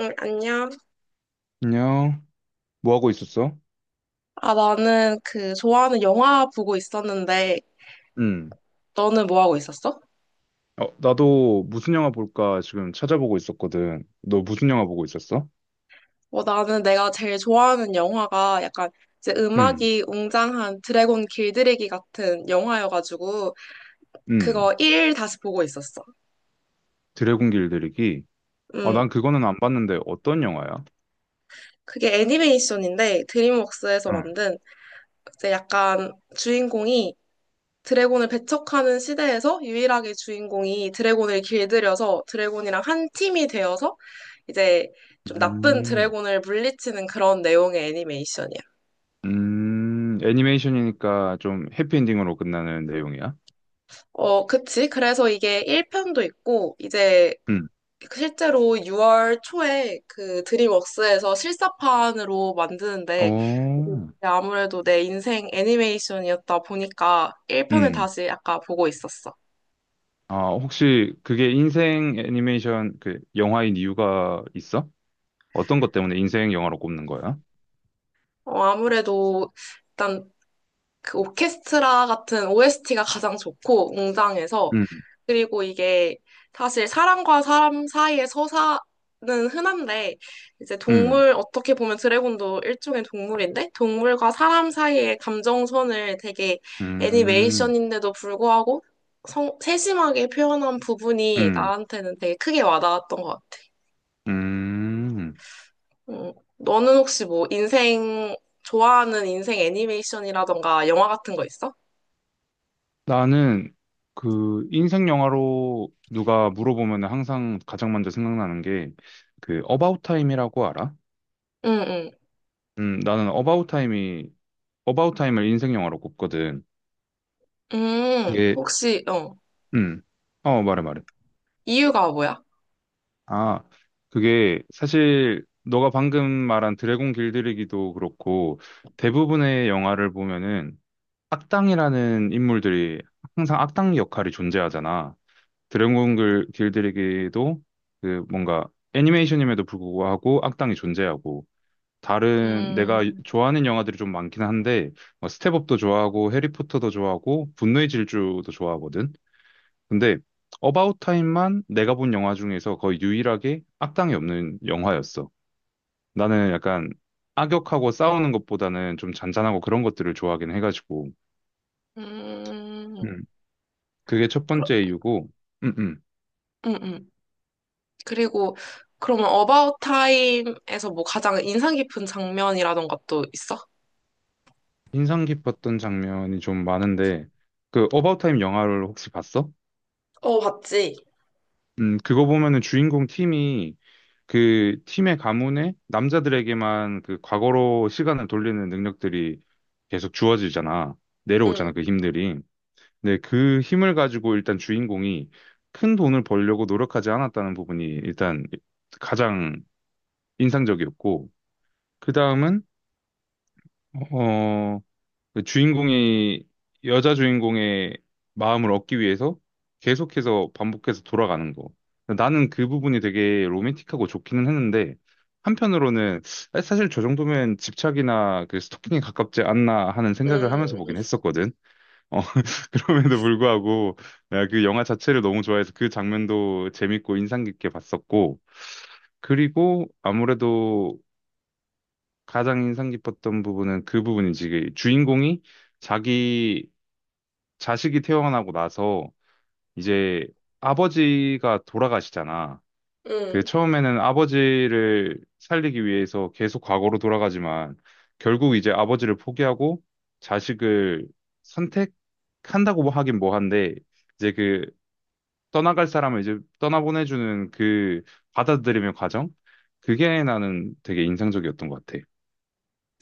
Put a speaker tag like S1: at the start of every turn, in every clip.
S1: 응, 안녕.
S2: 안녕. 뭐 하고 있었어?
S1: 아, 나는 그 좋아하는 영화 보고 있었는데,
S2: 응.
S1: 너는 뭐 하고 있었어?
S2: 나도 무슨 영화 볼까 지금 찾아보고 있었거든. 너 무슨 영화 보고 있었어?
S1: 어, 나는 내가 제일 좋아하는 영화가 약간 이제
S2: 응.
S1: 음악이 웅장한 드래곤 길들이기 같은 영화여가지고,
S2: 응.
S1: 그거 1 다시 보고 있었어.
S2: 드래곤 길들이기. 아,
S1: 음,
S2: 난 그거는 안 봤는데 어떤 영화야?
S1: 그게 애니메이션인데, 드림웍스에서
S2: 응.
S1: 만든 이제 약간 주인공이 드래곤을 배척하는 시대에서 유일하게 주인공이 드래곤을 길들여서 드래곤이랑 한 팀이 되어서 이제 좀 나쁜
S2: 음.
S1: 드래곤을 물리치는 그런 내용의 애니메이션이야.
S2: 음. 애니메이션이니까 좀 해피엔딩으로 끝나는 내용이야?
S1: 어, 그치. 그래서 이게 1편도 있고, 이제
S2: 응.
S1: 실제로 6월 초에 그 드림웍스에서 실사판으로 만드는데, 이게
S2: 어.
S1: 아무래도 내 인생 애니메이션이었다 보니까 1편을
S2: 응.
S1: 다시 아까 보고 있었어.
S2: 아, 혹시 그게 인생 애니메이션 그 영화인 이유가 있어? 어떤 것 때문에 인생 영화로 꼽는 거야?
S1: 어, 아무래도 일단 그 오케스트라 같은 OST가 가장 좋고, 웅장해서.
S2: 응.
S1: 그리고 이게 사실 사람과 사람 사이의 서사는 흔한데, 이제
S2: 음,
S1: 동물, 어떻게 보면 드래곤도 일종의 동물인데, 동물과 사람 사이의 감정선을 되게
S2: 음.
S1: 애니메이션인데도 불구하고 세심하게 표현한 부분이
S2: 음,
S1: 나한테는 되게 크게 와닿았던 것 같아.
S2: 음.
S1: 너는 혹시 뭐 인생, 좋아하는 인생 애니메이션이라던가 영화 같은 거 있어?
S2: 나는 그 인생 영화로 누가 물어보면 항상 가장 먼저 생각나는 게 그 어바웃 타임이라고 알아?
S1: 응, 응.
S2: 나는 어바웃 타임을 인생 영화로 꼽거든. 그게
S1: 혹시, 어,
S2: 음. 말해 말해.
S1: 이유가 뭐야?
S2: 아, 그게 사실 너가 방금 말한 드래곤 길들이기도 그렇고 대부분의 영화를 보면은 악당이라는 인물들이 항상 악당 역할이 존재하잖아. 길들이기도 그 뭔가 애니메이션임에도 불구하고 악당이 존재하고 다른 내가
S1: 음,
S2: 좋아하는 영화들이 좀 많긴 한데 뭐 스텝업도 좋아하고 해리포터도 좋아하고 분노의 질주도 좋아하거든. 근데 어바웃 타임만 내가 본 영화 중에서 거의 유일하게 악당이 없는 영화였어. 나는 약간 악역하고 싸우는 것보다는 좀 잔잔하고 그런 것들을 좋아하긴 해가지고
S1: 음,
S2: 음. 그게 첫
S1: 그럼,
S2: 번째 이유고 음, 음.
S1: 음, 음. 그리고, 그러면 어바웃 타임에서 뭐 가장 인상 깊은 장면이라던가 또 있어?
S2: 인상 깊었던 장면이 좀 많은데 그 어바웃 타임 영화를 혹시 봤어?
S1: 어, 봤지.
S2: 그거 보면은 주인공 팀이 그 팀의 가문에 남자들에게만 그 과거로 시간을 돌리는 능력들이 계속 주어지잖아.
S1: 응,
S2: 내려오잖아, 그 힘들이. 근데 그 힘을 가지고 일단 주인공이 큰 돈을 벌려고 노력하지 않았다는 부분이 일단 가장 인상적이었고, 그 다음은, 어, 그 주인공이 여자 주인공의 마음을 얻기 위해서 계속해서 반복해서 돌아가는 거. 나는 그 부분이 되게 로맨틱하고 좋기는 했는데 한편으로는 아, 사실 저 정도면 집착이나 그 스토킹에 가깝지 않나 하는 생각을 하면서 보긴
S1: 응.
S2: 했었거든. 어, 그럼에도 불구하고 내가 그 영화 자체를 너무 좋아해서 그 장면도 재밌고 인상 깊게 봤었고 그리고 아무래도 가장 인상 깊었던 부분은 그 부분이지. 그 주인공이 자기 자식이 태어나고 나서 이제 아버지가 돌아가시잖아. 그
S1: 응.
S2: 처음에는 아버지를 살리기 위해서 계속 과거로 돌아가지만 결국 이제 아버지를 포기하고 자식을 선택한다고 뭐 하긴 뭐한데 이제 그 떠나갈 사람을 이제 떠나보내주는 그 받아들이는 과정? 그게 나는 되게 인상적이었던 것 같아.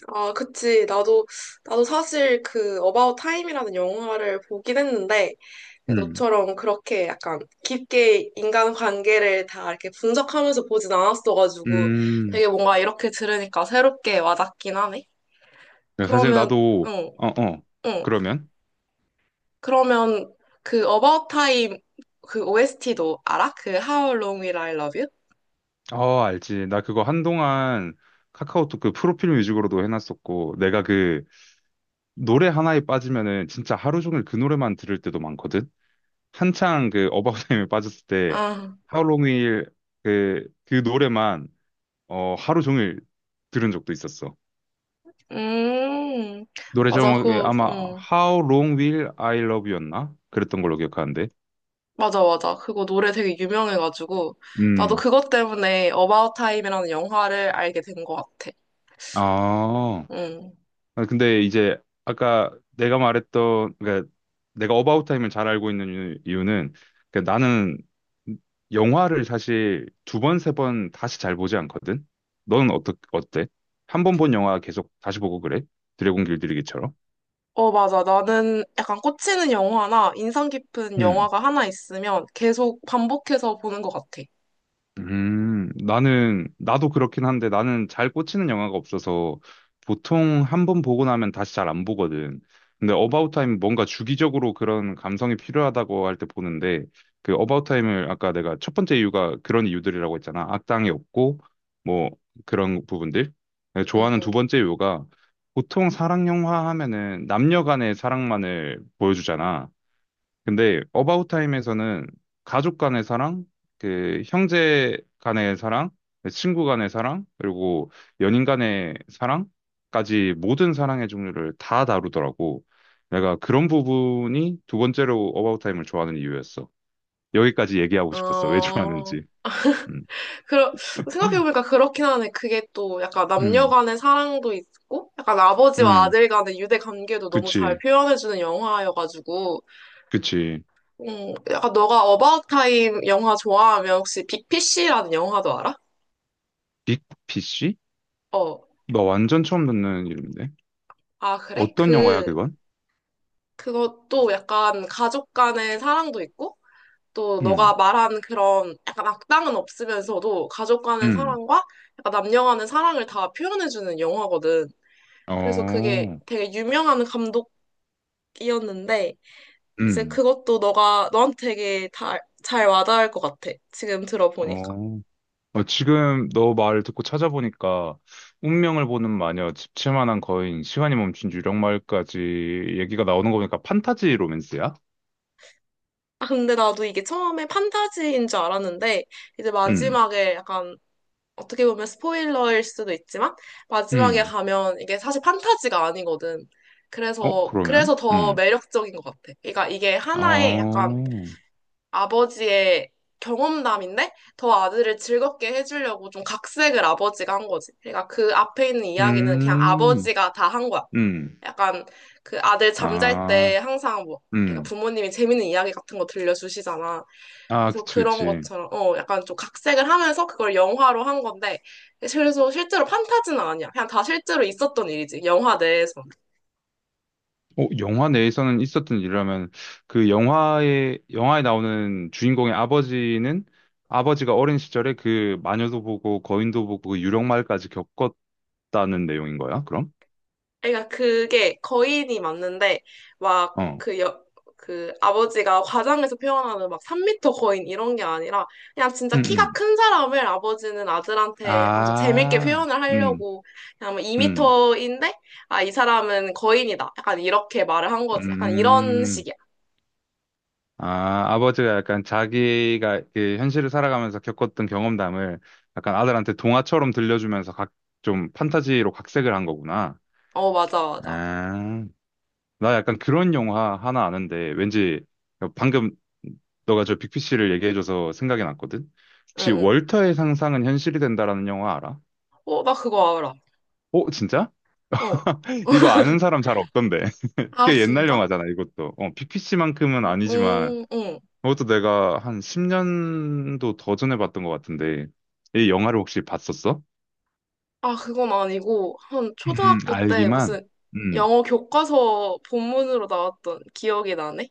S1: 아, 그치. 나도, 나도 사실 그 어바웃 타임이라는 영화를 보긴 했는데,
S2: 음.
S1: 너처럼 그렇게 약간 깊게 인간 관계를 다 이렇게 분석하면서 보진 않았어가지고,
S2: 음.
S1: 되게 뭔가 이렇게 들으니까 새롭게 와닿긴 하네.
S2: 사실
S1: 그러면,
S2: 나도,
S1: 응, 응.
S2: 그러면?
S1: 그러면 그 About Time 그 OST도 알아? 그 How Long Will I Love You?
S2: 어, 알지. 나 그거 한동안 카카오톡 그 프로필 뮤직으로도 해놨었고, 내가 그 노래 하나에 빠지면은 진짜 하루 종일 그 노래만 들을 때도 많거든? 한창 그 어바웃 타임에 빠졌을 때
S1: 아,
S2: 하루 종일 그 노래만 하루 종일 들은 적도 있었어.
S1: 음,
S2: 노래
S1: 맞아,
S2: 제목에
S1: 그,
S2: 아마 How Long Will I Love You였나? 그랬던 걸로 기억하는데.
S1: 맞아, 맞아. 그거 노래 되게 유명해가지고 나도
S2: 음.
S1: 그것 때문에 About Time이라는 영화를 알게 된 것 같아.
S2: 아.
S1: 음.
S2: 아, 근데 이제 아까 내가 말했던 그러니까 내가 어바웃 타임을 잘 알고 있는 이유는 그러니까 나는 영화를 사실 두 번, 세 번 다시 잘 보지 않거든. 너는 어때? 한 번 본 영화 계속 다시 보고 그래? 드래곤 길들이기처럼.
S1: 어, 맞아. 나는 약간 꽂히는 영화나 인상 깊은 영화가 하나 있으면 계속 반복해서 보는 것 같아.
S2: 나도 그렇긴 한데 나는 잘 꽂히는 영화가 없어서 보통 한 번 보고 나면 다시 잘 안 보거든. 근데 어바웃 타임 뭔가 주기적으로 그런 감성이 필요하다고 할 때 보는데 그 어바웃 타임을 아까 내가 첫 번째 이유가 그런 이유들이라고 했잖아. 악당이 없고 뭐 그런 부분들. 내가 좋아하는 두
S1: 음.
S2: 번째 이유가 보통 사랑 영화 하면은 남녀 간의 사랑만을 보여주잖아. 근데 어바웃 타임에서는 가족 간의 사랑, 그 형제 간의 사랑, 친구 간의 사랑, 그리고 연인 간의 사랑까지 모든 사랑의 종류를 다 다루더라고. 내가 그런 부분이 두 번째로 어바웃 타임을 좋아하는 이유였어. 여기까지 얘기하고 싶었어. 왜
S1: 어...
S2: 좋아하는지. 음,
S1: 그러, 생각해보니까 그렇긴 하네. 그게 또 약간 남녀
S2: 음,
S1: 간의 사랑도 있고, 약간 아버지와
S2: 음,
S1: 아들 간의 유대 관계도 너무 잘
S2: 그치,
S1: 표현해주는 영화여가지고,
S2: 그치.
S1: 약간 너가 어바웃 타임 영화 좋아하면 혹시 BPC라는 영화도 알아?
S2: 빅피쉬?
S1: 어,
S2: 나 완전 처음 듣는 이름인데.
S1: 아, 그래?
S2: 어떤 영화야,
S1: 그,
S2: 그건?
S1: 그것도 약간 가족 간의 사랑도 있고, 또 너가
S2: 음,
S1: 말한 그런 약간 악당은 없으면서도 가족 간의
S2: 음,
S1: 사랑과 약간 남녀 간의 사랑을 다 표현해주는 영화거든. 그래서 그게
S2: 어,
S1: 되게 유명한 감독 이었는데 이제
S2: 음.
S1: 그것도 너가 너한테 되게 다, 잘 와닿을 것 같아. 지금 들어보니까.
S2: 어, 어, 지금 너 말을 듣고 찾아보니까 운명을 보는 마녀, 집채만한 거인, 시간이 멈춘 유령마을까지 얘기가 나오는 거 보니까 판타지 로맨스야?
S1: 아, 근데 나도 이게 처음에 판타지인 줄 알았는데 이제
S2: 음,
S1: 마지막에 약간 어떻게 보면 스포일러일 수도 있지만 마지막에
S2: 음.
S1: 가면 이게 사실 판타지가 아니거든.
S2: 어,
S1: 그래서
S2: 그러면?
S1: 그래서 더
S2: 음.
S1: 매력적인 것 같아. 그러니까 이게 하나의 약간
S2: 어,
S1: 아버지의 경험담인데 더 아들을 즐겁게 해주려고 좀 각색을 아버지가 한 거지. 그러니까 그 앞에 있는 이야기는 그냥
S2: 음,
S1: 아버지가 다 한 거야.
S2: 음.
S1: 약간 그 아들 잠잘 때
S2: 아,
S1: 항상 뭐 애가
S2: 음.
S1: 부모님이 재밌는 이야기 같은 거 들려주시잖아.
S2: 아,
S1: 그래서
S2: 그치,
S1: 그런
S2: 그치.
S1: 것처럼 어 약간 좀 각색을 하면서 그걸 영화로 한 건데 그래서 실제로 판타지는 아니야. 그냥 다 실제로 있었던 일이지. 영화 내에서.
S2: 어, 영화 내에서는 있었던 일이라면 그 영화에 나오는 주인공의 아버지는 아버지가 어린 시절에 그 마녀도 보고 거인도 보고 그 유령말까지 겪었다는 내용인 거야? 그럼?
S1: 그러니까 그게 거인이 맞는데 막
S2: 어.
S1: 그 여, 그 아버지가 과장해서 표현하는 막 3미터 거인 이런 게 아니라 그냥
S2: 음,
S1: 진짜 키가
S2: 음.
S1: 큰 사람을 아버지는 아들한테 약간 좀 재밌게
S2: 아.
S1: 표현을
S2: 음.
S1: 하려고 그냥 뭐
S2: 음.
S1: 2미터인데 아, 이 사람은 거인이다. 약간 이렇게 말을 한 거지. 약간 이런
S2: 음.
S1: 식이야.
S2: 아, 아버지가 약간 자기가 그 현실을 살아가면서 겪었던 경험담을 약간 아들한테 동화처럼 들려주면서 각 좀 판타지로 각색을 한 거구나.
S1: 어, 맞아, 맞아.
S2: 아. 나 약간 그런 영화 하나 아는데 왠지 방금 너가 저 빅피씨를 얘기해줘서 생각이 났거든.
S1: 응,
S2: 혹시
S1: 응.
S2: 월터의 상상은 현실이 된다라는 영화 알아?
S1: 어, 나 그거 알아.
S2: 어, 진짜?
S1: 어.
S2: 이거 아는 사람 잘 없던데.
S1: 아,
S2: 꽤 옛날
S1: 진짜?
S2: 영화잖아, 이것도. 어, 빅피씨만큼은
S1: 응,
S2: 아니지만
S1: 응.
S2: 그것도 내가 한 10년도 더 전에 봤던 것 같은데 이 영화를 혹시 봤었어?
S1: 아, 그건 아니고, 한 초등학교 때
S2: 알기만.
S1: 무슨
S2: 음.
S1: 영어 교과서 본문으로 나왔던 기억이 나네?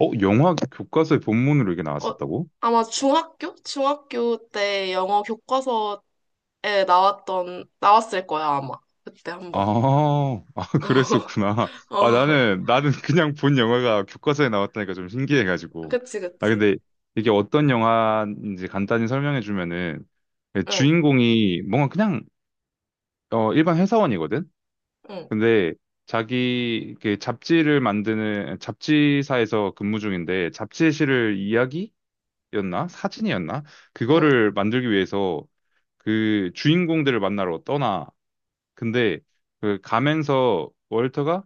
S2: 어, 영화 교과서의 본문으로 이게
S1: 어,
S2: 나왔었다고?
S1: 아마 중학교? 중학교 때 영어 교과서에 나왔을 거야, 아마. 그때 한
S2: 아,
S1: 번.
S2: 아,
S1: 어,
S2: 그랬었구나. 아,
S1: 어,
S2: 나는 그냥 본 영화가 교과서에 나왔다니까 좀 신기해가지고.
S1: 그치,
S2: 아,
S1: 그치.
S2: 근데 이게 어떤 영화인지 간단히 설명해주면은, 그
S1: 응,
S2: 주인공이 뭔가 그냥, 어, 일반 회사원이거든?
S1: 응,
S2: 근데 자기, 이렇게 잡지를 만드는, 잡지사에서 근무 중인데, 잡지에 실을 이야기였나? 사진이었나?
S1: 응.
S2: 그거를 만들기 위해서 그 주인공들을 만나러 떠나. 근데 그 가면서 월터가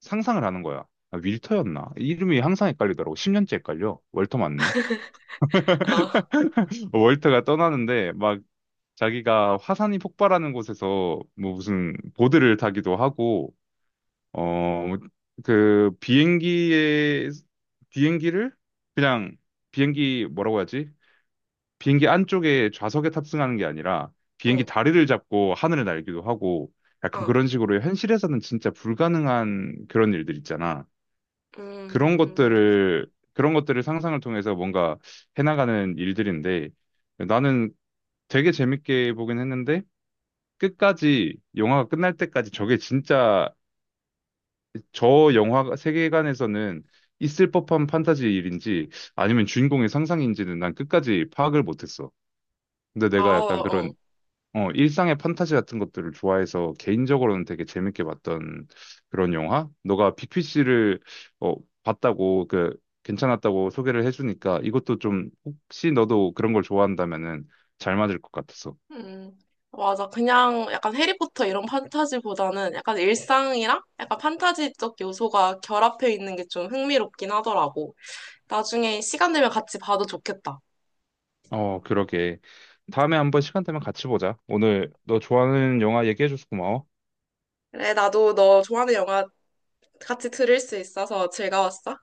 S2: 상상을 하는 거야. 아, 윌터였나? 이름이 항상 헷갈리더라고. 10년째 헷갈려. 월터 맞네.
S1: 아,
S2: 월터가 떠나는데 막 자기가 화산이 폭발하는 곳에서 뭐 무슨 보드를 타기도 하고 어 그 비행기에 비행기를 그냥 비행기 뭐라고 하지? 비행기 안쪽에 좌석에 탑승하는 게 아니라 비행기
S1: 응,
S2: 다리를 잡고 하늘을 날기도 하고 약간
S1: 아,
S2: 그런 식으로 현실에서는 진짜 불가능한 그런 일들 있잖아. 그런
S1: 음,
S2: 것들을 그런 것들을 상상을 통해서 뭔가 해나가는 일들인데 나는 되게 재밌게 보긴 했는데 끝까지 영화가 끝날 때까지 저게 진짜 저 영화 세계관에서는 있을 법한 판타지 일인지 아니면 주인공의 상상인지는 난 끝까지 파악을 못했어. 근데
S1: 아,
S2: 내가 약간 그런
S1: 어.
S2: 어, 일상의 판타지 같은 것들을 좋아해서 개인적으로는 되게 재밌게 봤던 그런 영화? 너가 빅피시를 어, 봤다고 그 괜찮았다고 소개를 해주니까 이것도 좀 혹시 너도 그런 걸 좋아한다면은 잘 맞을 것 같았어.
S1: 음, 맞아. 그냥 약간 해리포터 이런 판타지보다는 약간 일상이랑 약간 판타지적 요소가 결합해 있는 게 좀 흥미롭긴 하더라고. 나중에 시간 되면 같이 봐도 좋겠다.
S2: 어, 그러게. 다음에 한번 시간 되면 같이 보자. 오늘 너 좋아하는 영화 얘기해줘서 고마워.
S1: 그래, 나도 너 좋아하는 영화 같이 들을 수 있어서 즐거웠어.